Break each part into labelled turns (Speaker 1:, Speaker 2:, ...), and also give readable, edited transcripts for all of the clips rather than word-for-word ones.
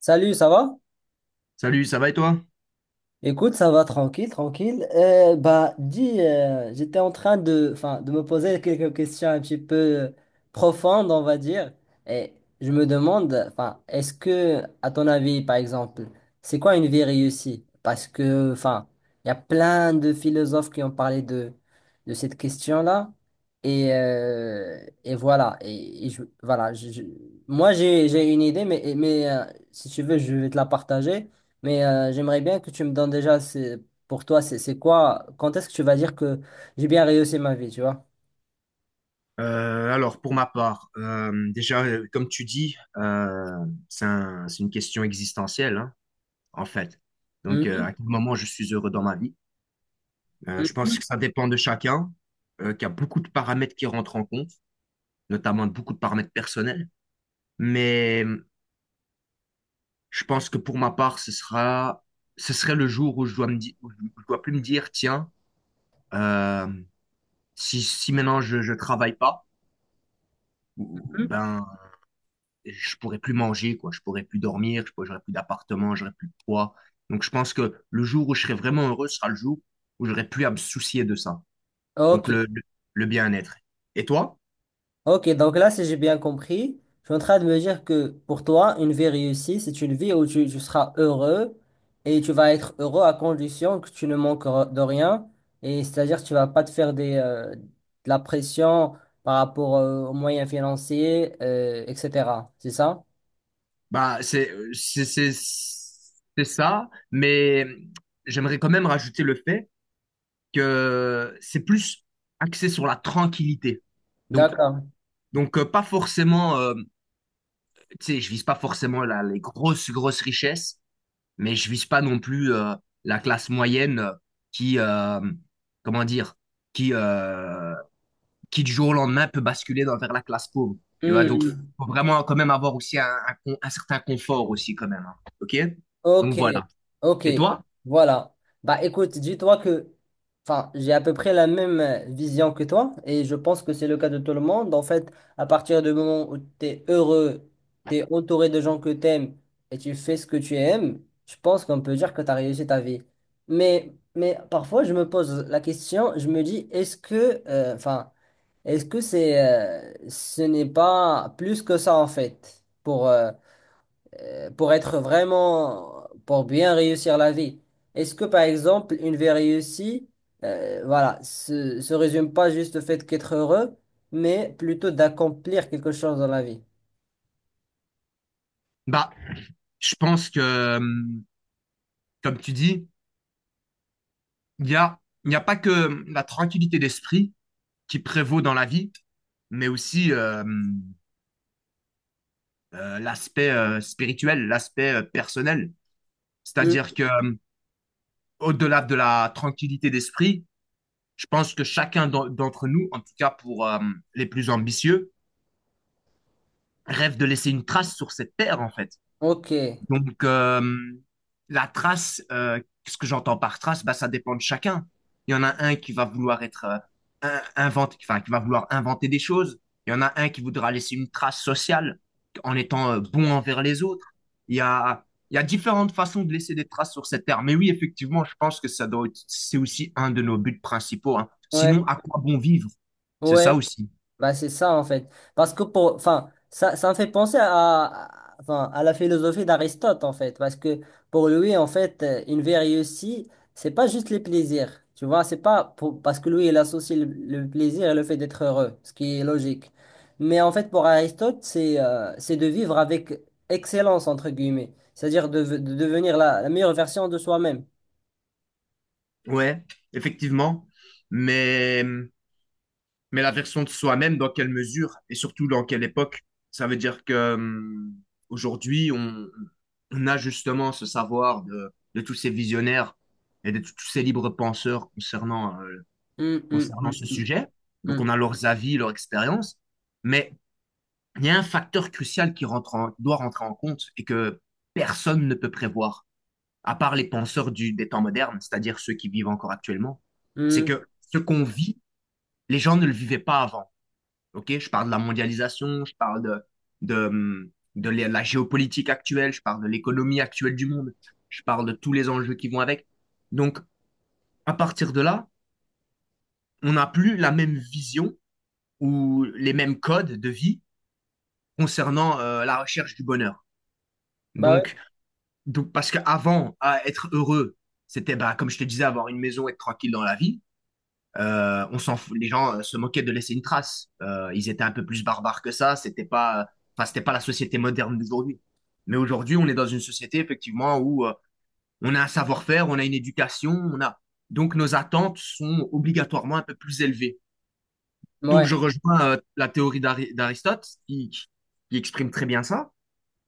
Speaker 1: Salut, ça va?
Speaker 2: Salut, ça va et toi?
Speaker 1: Écoute, ça va tranquille, tranquille. J'étais en train de, enfin, de me poser quelques questions un petit peu profondes, on va dire. Et je me demande, enfin, est-ce que, à ton avis, par exemple, c'est quoi une vie réussie? Parce que, enfin, il y a plein de philosophes qui ont parlé de cette question-là. Et, euh, et voilà. Et je- voilà. Je- Moi, j'ai une idée, mais si tu veux, je vais te la partager. Mais j'aimerais bien que tu me donnes déjà, c'est, pour toi, c'est quoi, quand est-ce que tu vas dire que j'ai bien réussi ma vie, tu vois?
Speaker 2: Alors, pour ma part, déjà, comme tu dis, c'est une question existentielle, hein, en fait. Donc,
Speaker 1: Mhm,
Speaker 2: à quel moment je suis heureux dans ma vie? Je pense que ça dépend de chacun, qu'il y a beaucoup de paramètres qui rentrent en compte, notamment beaucoup de paramètres personnels. Mais je pense que pour ma part, ce serait le jour où je dois plus me dire, tiens, euh, si maintenant je travaille pas, ou-
Speaker 1: mhm.
Speaker 2: ben je pourrais plus manger, quoi. Je pourrais plus dormir, j'aurais plus d'appartement, j'aurais plus de poids. Donc, je pense que le jour où je serai vraiment heureux sera le jour où j'aurai plus à me soucier de ça. Donc,
Speaker 1: Ok,
Speaker 2: le bien-être. Et toi?
Speaker 1: ok, donc là, si j'ai bien compris, je suis en train de me dire que pour toi, une vie réussie, c'est une vie où tu seras heureux et tu vas être heureux à condition que tu ne manques re- de rien. Et c'est-à-dire, que tu vas pas te faire des, de la pression par rapport aux moyens financiers, etc. C'est ça?
Speaker 2: Bah, c'est ça, mais j'aimerais quand même rajouter le fait que c'est plus axé sur la tranquillité. Donc,
Speaker 1: D'accord.
Speaker 2: donc, pas forcément, tu sais, je vise pas forcément les grosses, grosses richesses, mais je vise pas non plus la classe moyenne qui, euh, comment dire, qui, euh, qui du jour au lendemain peut basculer vers la classe pauvre. Tu vois, donc, faut vraiment quand même avoir aussi un certain confort aussi quand même, hein. OK? Donc
Speaker 1: Ok,
Speaker 2: voilà.
Speaker 1: ok,
Speaker 2: Et toi?
Speaker 1: voilà. Bah écoute, dis-toi que, enfin, j'ai à peu près la même vision que toi et je pense que c'est le cas de tout le monde. En fait, à partir du moment où tu es heureux, tu es entouré de gens que tu aimes et tu fais ce que tu aimes, je pense qu'on peut dire que tu as réussi ta vie. Mais parfois, je me pose la question, je me dis, est-ce que, enfin, est-ce que c'est, ce n'est pas plus que ça en fait pour être vraiment, pour bien réussir la vie. Est-ce que, par exemple, une vie réussie, voilà, se résume pas juste au fait qu'être heureux, mais plutôt d'accomplir quelque chose dans la vie?
Speaker 2: Bah, je pense que, comme tu dis, il y a, il n'y a pas que la tranquillité d'esprit qui prévaut dans la vie, mais aussi l'aspect spirituel, l'aspect personnel.
Speaker 1: Hmm.
Speaker 2: C'est-à-dire que au-delà de la tranquillité d'esprit, je pense que chacun d'entre nous, en tout cas pour les plus ambitieux, rêve de laisser une trace sur cette terre, en fait.
Speaker 1: Ok.
Speaker 2: Donc, la trace, qu'est-ce que j'entends par trace? Bah, ça dépend de chacun. Il y en a un qui va vouloir être enfin, qui va vouloir inventer des choses. Il y en a un qui voudra laisser une trace sociale en étant bon envers les autres. Il y a, il y a différentes façons de laisser des traces sur cette terre. Mais oui, effectivement, je pense que c'est aussi un de nos buts principaux, hein.
Speaker 1: Ouais.
Speaker 2: Sinon, à quoi bon vivre? C'est ça
Speaker 1: Ouais.
Speaker 2: aussi.
Speaker 1: Bah, c'est ça en fait. Parce que pour, enfin, ça me fait penser à- enfin, à la philosophie d'Aristote en fait. Parce que pour lui, en fait, une vie réussie, c'est pas juste les plaisirs. Tu vois, c'est pas pour- parce que lui, il associe le plaisir et le fait d'être heureux, ce qui est logique. Mais en fait, pour Aristote, c'est de vivre avec excellence, entre guillemets. C'est-à-dire de devenir la, la meilleure version de soi-même.
Speaker 2: Ouais, effectivement. Mais la version de soi-même, dans quelle mesure et surtout dans quelle époque? Ça veut dire que aujourd'hui, on a justement ce savoir de tous ces visionnaires et de tous ces libres penseurs concernant,
Speaker 1: Hum, hum,
Speaker 2: concernant
Speaker 1: hum,
Speaker 2: ce
Speaker 1: hum,
Speaker 2: sujet. Donc,
Speaker 1: hum,
Speaker 2: on a leurs avis, leur expérience. Mais il y a un facteur crucial doit rentrer en compte et que personne ne peut prévoir, à part les penseurs du, des temps modernes, c'est-à-dire ceux qui vivent encore actuellement. C'est
Speaker 1: hum.
Speaker 2: que ce qu'on vit, les gens ne le vivaient pas avant. OK? Je parle de la mondialisation, je parle de, de la géopolitique actuelle, je parle de l'économie actuelle du monde, je parle de tous les enjeux qui vont avec. Donc, à partir de là, on n'a plus la même vision ou les mêmes codes de vie concernant la recherche du bonheur.
Speaker 1: Bah ouais.
Speaker 2: Donc, donc parce qu'avant, à être heureux, c'était, bah, comme je te disais, avoir une maison, être tranquille dans la vie. On s'en fout, les gens se moquaient de laisser une trace. Ils étaient un peu plus barbares que ça. C'était pas, enfin, c'était pas la société moderne d'aujourd'hui. Mais aujourd'hui, on est dans une société effectivement où on a un savoir-faire, on a une éducation, on a donc nos attentes sont obligatoirement un peu plus élevées. Donc
Speaker 1: Ouais.
Speaker 2: je rejoins la théorie d'Aristote qui exprime très bien ça.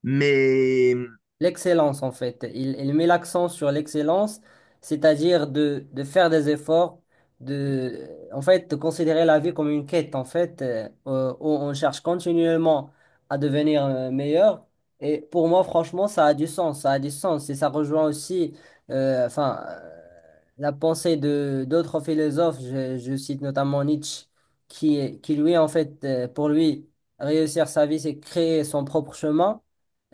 Speaker 2: Mais
Speaker 1: L'excellence, en fait. Il met l'accent sur l'excellence, c'est-à-dire de faire des efforts, de, en fait, de considérer la vie comme une quête, en fait, où on cherche continuellement à devenir meilleur. Et pour moi, franchement, ça a du sens, ça a du sens. Et ça rejoint aussi, enfin, la pensée de d'autres philosophes. Je cite notamment Nietzsche, qui lui, en fait, pour lui, réussir sa vie, c'est créer son propre chemin.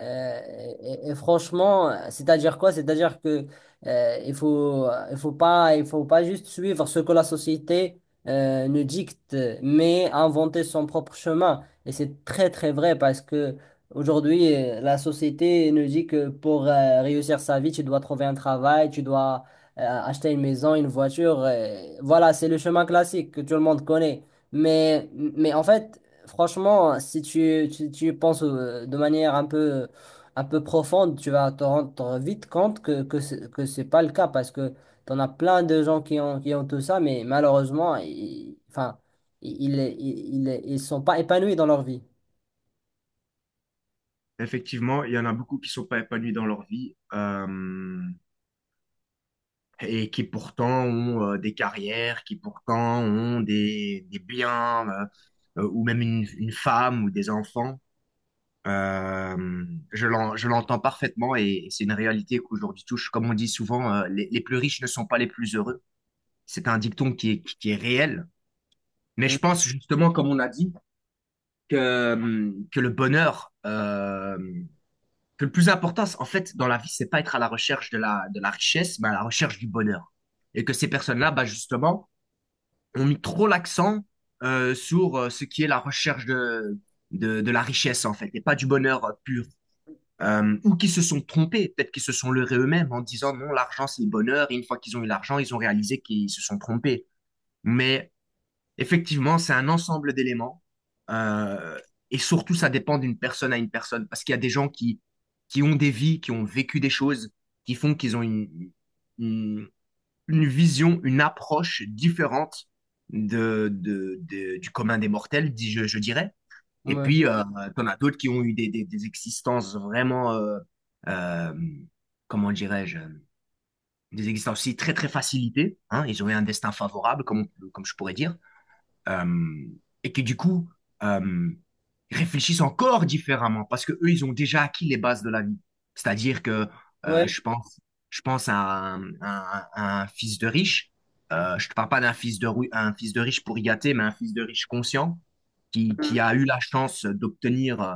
Speaker 1: Euh, et franchement, c'est-à-dire quoi? C'est-à-dire que il faut, il faut pas juste suivre ce que la société nous dicte, mais inventer son propre chemin. Et c'est très très vrai parce que aujourd'hui, la société nous dit que pour réussir sa vie, tu dois trouver un travail, tu dois acheter une maison, une voiture. Voilà, c'est le chemin classique que tout le monde connaît. Mais en fait, franchement, si tu y penses de manière un peu profonde, tu vas te rendre vite compte que ce que c'est pas le cas parce que tu en as plein de gens qui ont tout ça, mais malheureusement, ils, enfin, ils sont pas épanouis dans leur vie.
Speaker 2: effectivement, il y en a beaucoup qui sont pas épanouis dans leur vie. Et qui pourtant ont des carrières, qui pourtant ont des biens, ou même une femme ou des enfants. Euh, je l'entends parfaitement et c'est une réalité qu'aujourd'hui touche. Comme on dit souvent, les plus riches ne sont pas les plus heureux. C'est un dicton qui est réel. Mais
Speaker 1: Hmm.
Speaker 2: je pense justement, comme on a dit, que le bonheur, que le plus important, en fait, dans la vie, c'est pas être à la recherche de de la richesse, mais à la recherche du bonheur. Et que ces personnes-là, bah, justement, ont mis trop l'accent sur ce qui est la recherche de la richesse, en fait, et pas du bonheur pur. Ou qui se sont trompés, peut-être qu'ils se sont leurrés eux-mêmes en disant non, l'argent c'est le bonheur, et une fois qu'ils ont eu l'argent, ils ont réalisé qu'ils se sont trompés. Mais effectivement, c'est un ensemble d'éléments, euh, et surtout ça dépend d'une personne à une personne, parce qu'il y a des gens qui ont des vies, qui ont vécu des choses, qui font qu'ils ont une- une vision, une approche différente du commun des mortels, je dirais. Et
Speaker 1: Ouais.
Speaker 2: puis, t'en as d'autres qui ont eu des existences vraiment, euh, comment dirais-je, des existences aussi très, très facilitées, hein. Ils ont eu un destin favorable, comme je pourrais dire euh, et qui du coup euh, réfléchissent encore différemment parce que eux ils ont déjà acquis les bases de la vie. C'est-à-dire que euh,
Speaker 1: Ouais.
Speaker 2: je pense, je pense à à un fils de riche. Je te parle pas d'un un fils de riche pour y gâter, mais un fils de riche conscient qui a eu la chance d'obtenir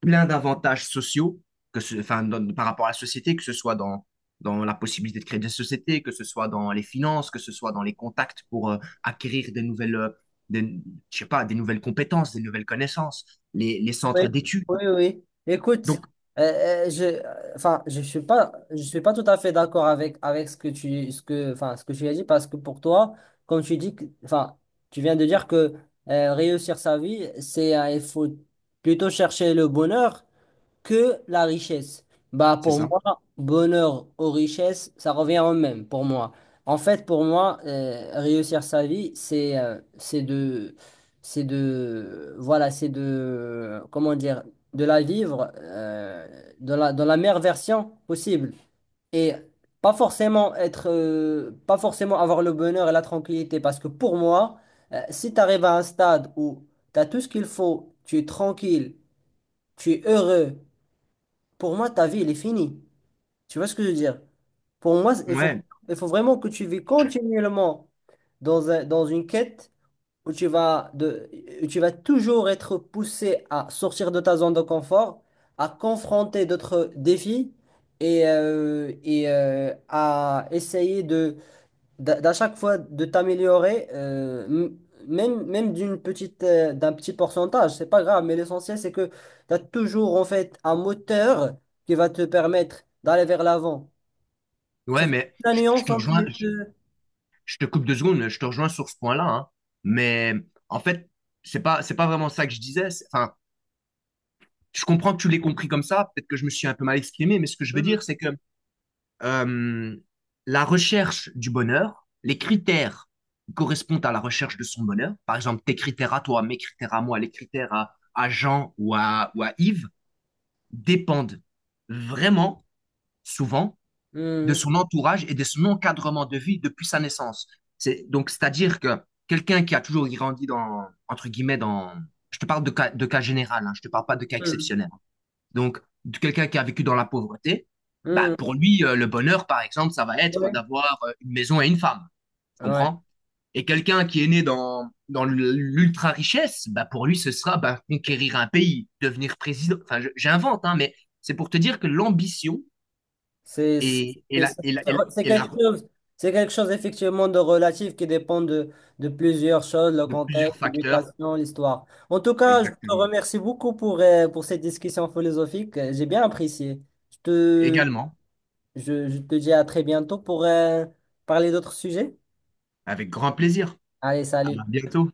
Speaker 2: plein d'avantages sociaux que ce, enfin, par rapport à la société, que ce soit dans la possibilité de créer des sociétés, que ce soit dans les finances, que ce soit dans les contacts pour acquérir des nouvelles, des, je sais pas, des nouvelles compétences, des nouvelles connaissances, les
Speaker 1: Oui,
Speaker 2: centres d'études.
Speaker 1: oui, oui. Écoute,
Speaker 2: Donc,
Speaker 1: enfin, je suis pas tout à fait d'accord avec ce que tu, ce que, enfin, ce que tu as dit parce que pour toi, comme tu dis, que- enfin, tu viens de dire que réussir sa vie, c'est, il faut plutôt chercher le bonheur que la richesse. Bah,
Speaker 2: c'est
Speaker 1: pour
Speaker 2: ça.
Speaker 1: moi, bonheur aux richesses, ça revient au même, pour moi. En fait, pour moi, réussir sa vie, c'est de, voilà, c'est de, comment dire, de la vivre dans la meilleure version possible. Et pas forcément être, pas forcément avoir le bonheur et la tranquillité, parce que pour moi, si tu arrives à un stade où tu as tout ce qu'il faut, tu es tranquille, tu es heureux, pour moi, ta vie, elle est finie. Tu vois ce que je veux dire? Pour moi,
Speaker 2: Ouais,
Speaker 1: il faut vraiment que tu vis continuellement dans un- dans une quête où tu vas de, où tu vas toujours être poussé à sortir de ta zone de confort, à confronter d'autres défis à essayer de d'à chaque fois de t'améliorer, même d'une petite, d'un petit pourcentage, c'est pas grave, mais l'essentiel c'est que tu as toujours en fait un moteur qui va te permettre d'aller vers l'avant. Tu
Speaker 2: ouais,
Speaker 1: vois
Speaker 2: mais
Speaker 1: la
Speaker 2: je
Speaker 1: nuance
Speaker 2: te
Speaker 1: entre
Speaker 2: rejoins,
Speaker 1: les deux.
Speaker 2: je te coupe deux secondes, je te rejoins sur ce point-là, hein. Mais en fait, c'est pas vraiment ça que je disais. Enfin, je comprends que tu l'aies compris comme ça, peut-être que je me suis un peu mal exprimé, mais ce que je veux
Speaker 1: Mm.
Speaker 2: dire, c'est que euh, la recherche du bonheur, les critères correspondent à la recherche de son bonheur. Par exemple, tes critères à toi, mes critères à moi, les critères à Jean ou à Yves dépendent vraiment souvent de
Speaker 1: Mm.
Speaker 2: son entourage et de son encadrement de vie depuis sa naissance. C'est-à-dire que quelqu'un qui a toujours grandi dans entre guillemets dans je te parle de cas général, hein, je te parle pas de cas
Speaker 1: Mm.
Speaker 2: exceptionnel donc, de quelqu'un qui a vécu dans la pauvreté, bah,
Speaker 1: Mm.
Speaker 2: pour lui, le bonheur, par exemple, ça va être
Speaker 1: Ouais.
Speaker 2: d'avoir une maison et une femme. Tu
Speaker 1: Ouais.
Speaker 2: comprends? Et quelqu'un qui est né dans l'ultra-richesse, bah, pour lui, ce sera bah, conquérir un pays, devenir président. Enfin, j'invente, hein, mais c'est pour te dire que l'ambition
Speaker 1: C'est c'est- c'est- c'est
Speaker 2: est
Speaker 1: quelque
Speaker 2: la-
Speaker 1: chose, c'est quelque chose effectivement de relatif qui dépend de plusieurs choses, le
Speaker 2: de plusieurs
Speaker 1: contexte,
Speaker 2: facteurs.
Speaker 1: l'éducation, l'histoire. En tout cas, je te
Speaker 2: Exactement.
Speaker 1: remercie beaucoup pour cette discussion philosophique. J'ai bien apprécié. Je te,
Speaker 2: Également,
Speaker 1: je te dis à très bientôt pour parler d'autres sujets.
Speaker 2: avec grand plaisir.
Speaker 1: Allez,
Speaker 2: À
Speaker 1: salut.
Speaker 2: bientôt.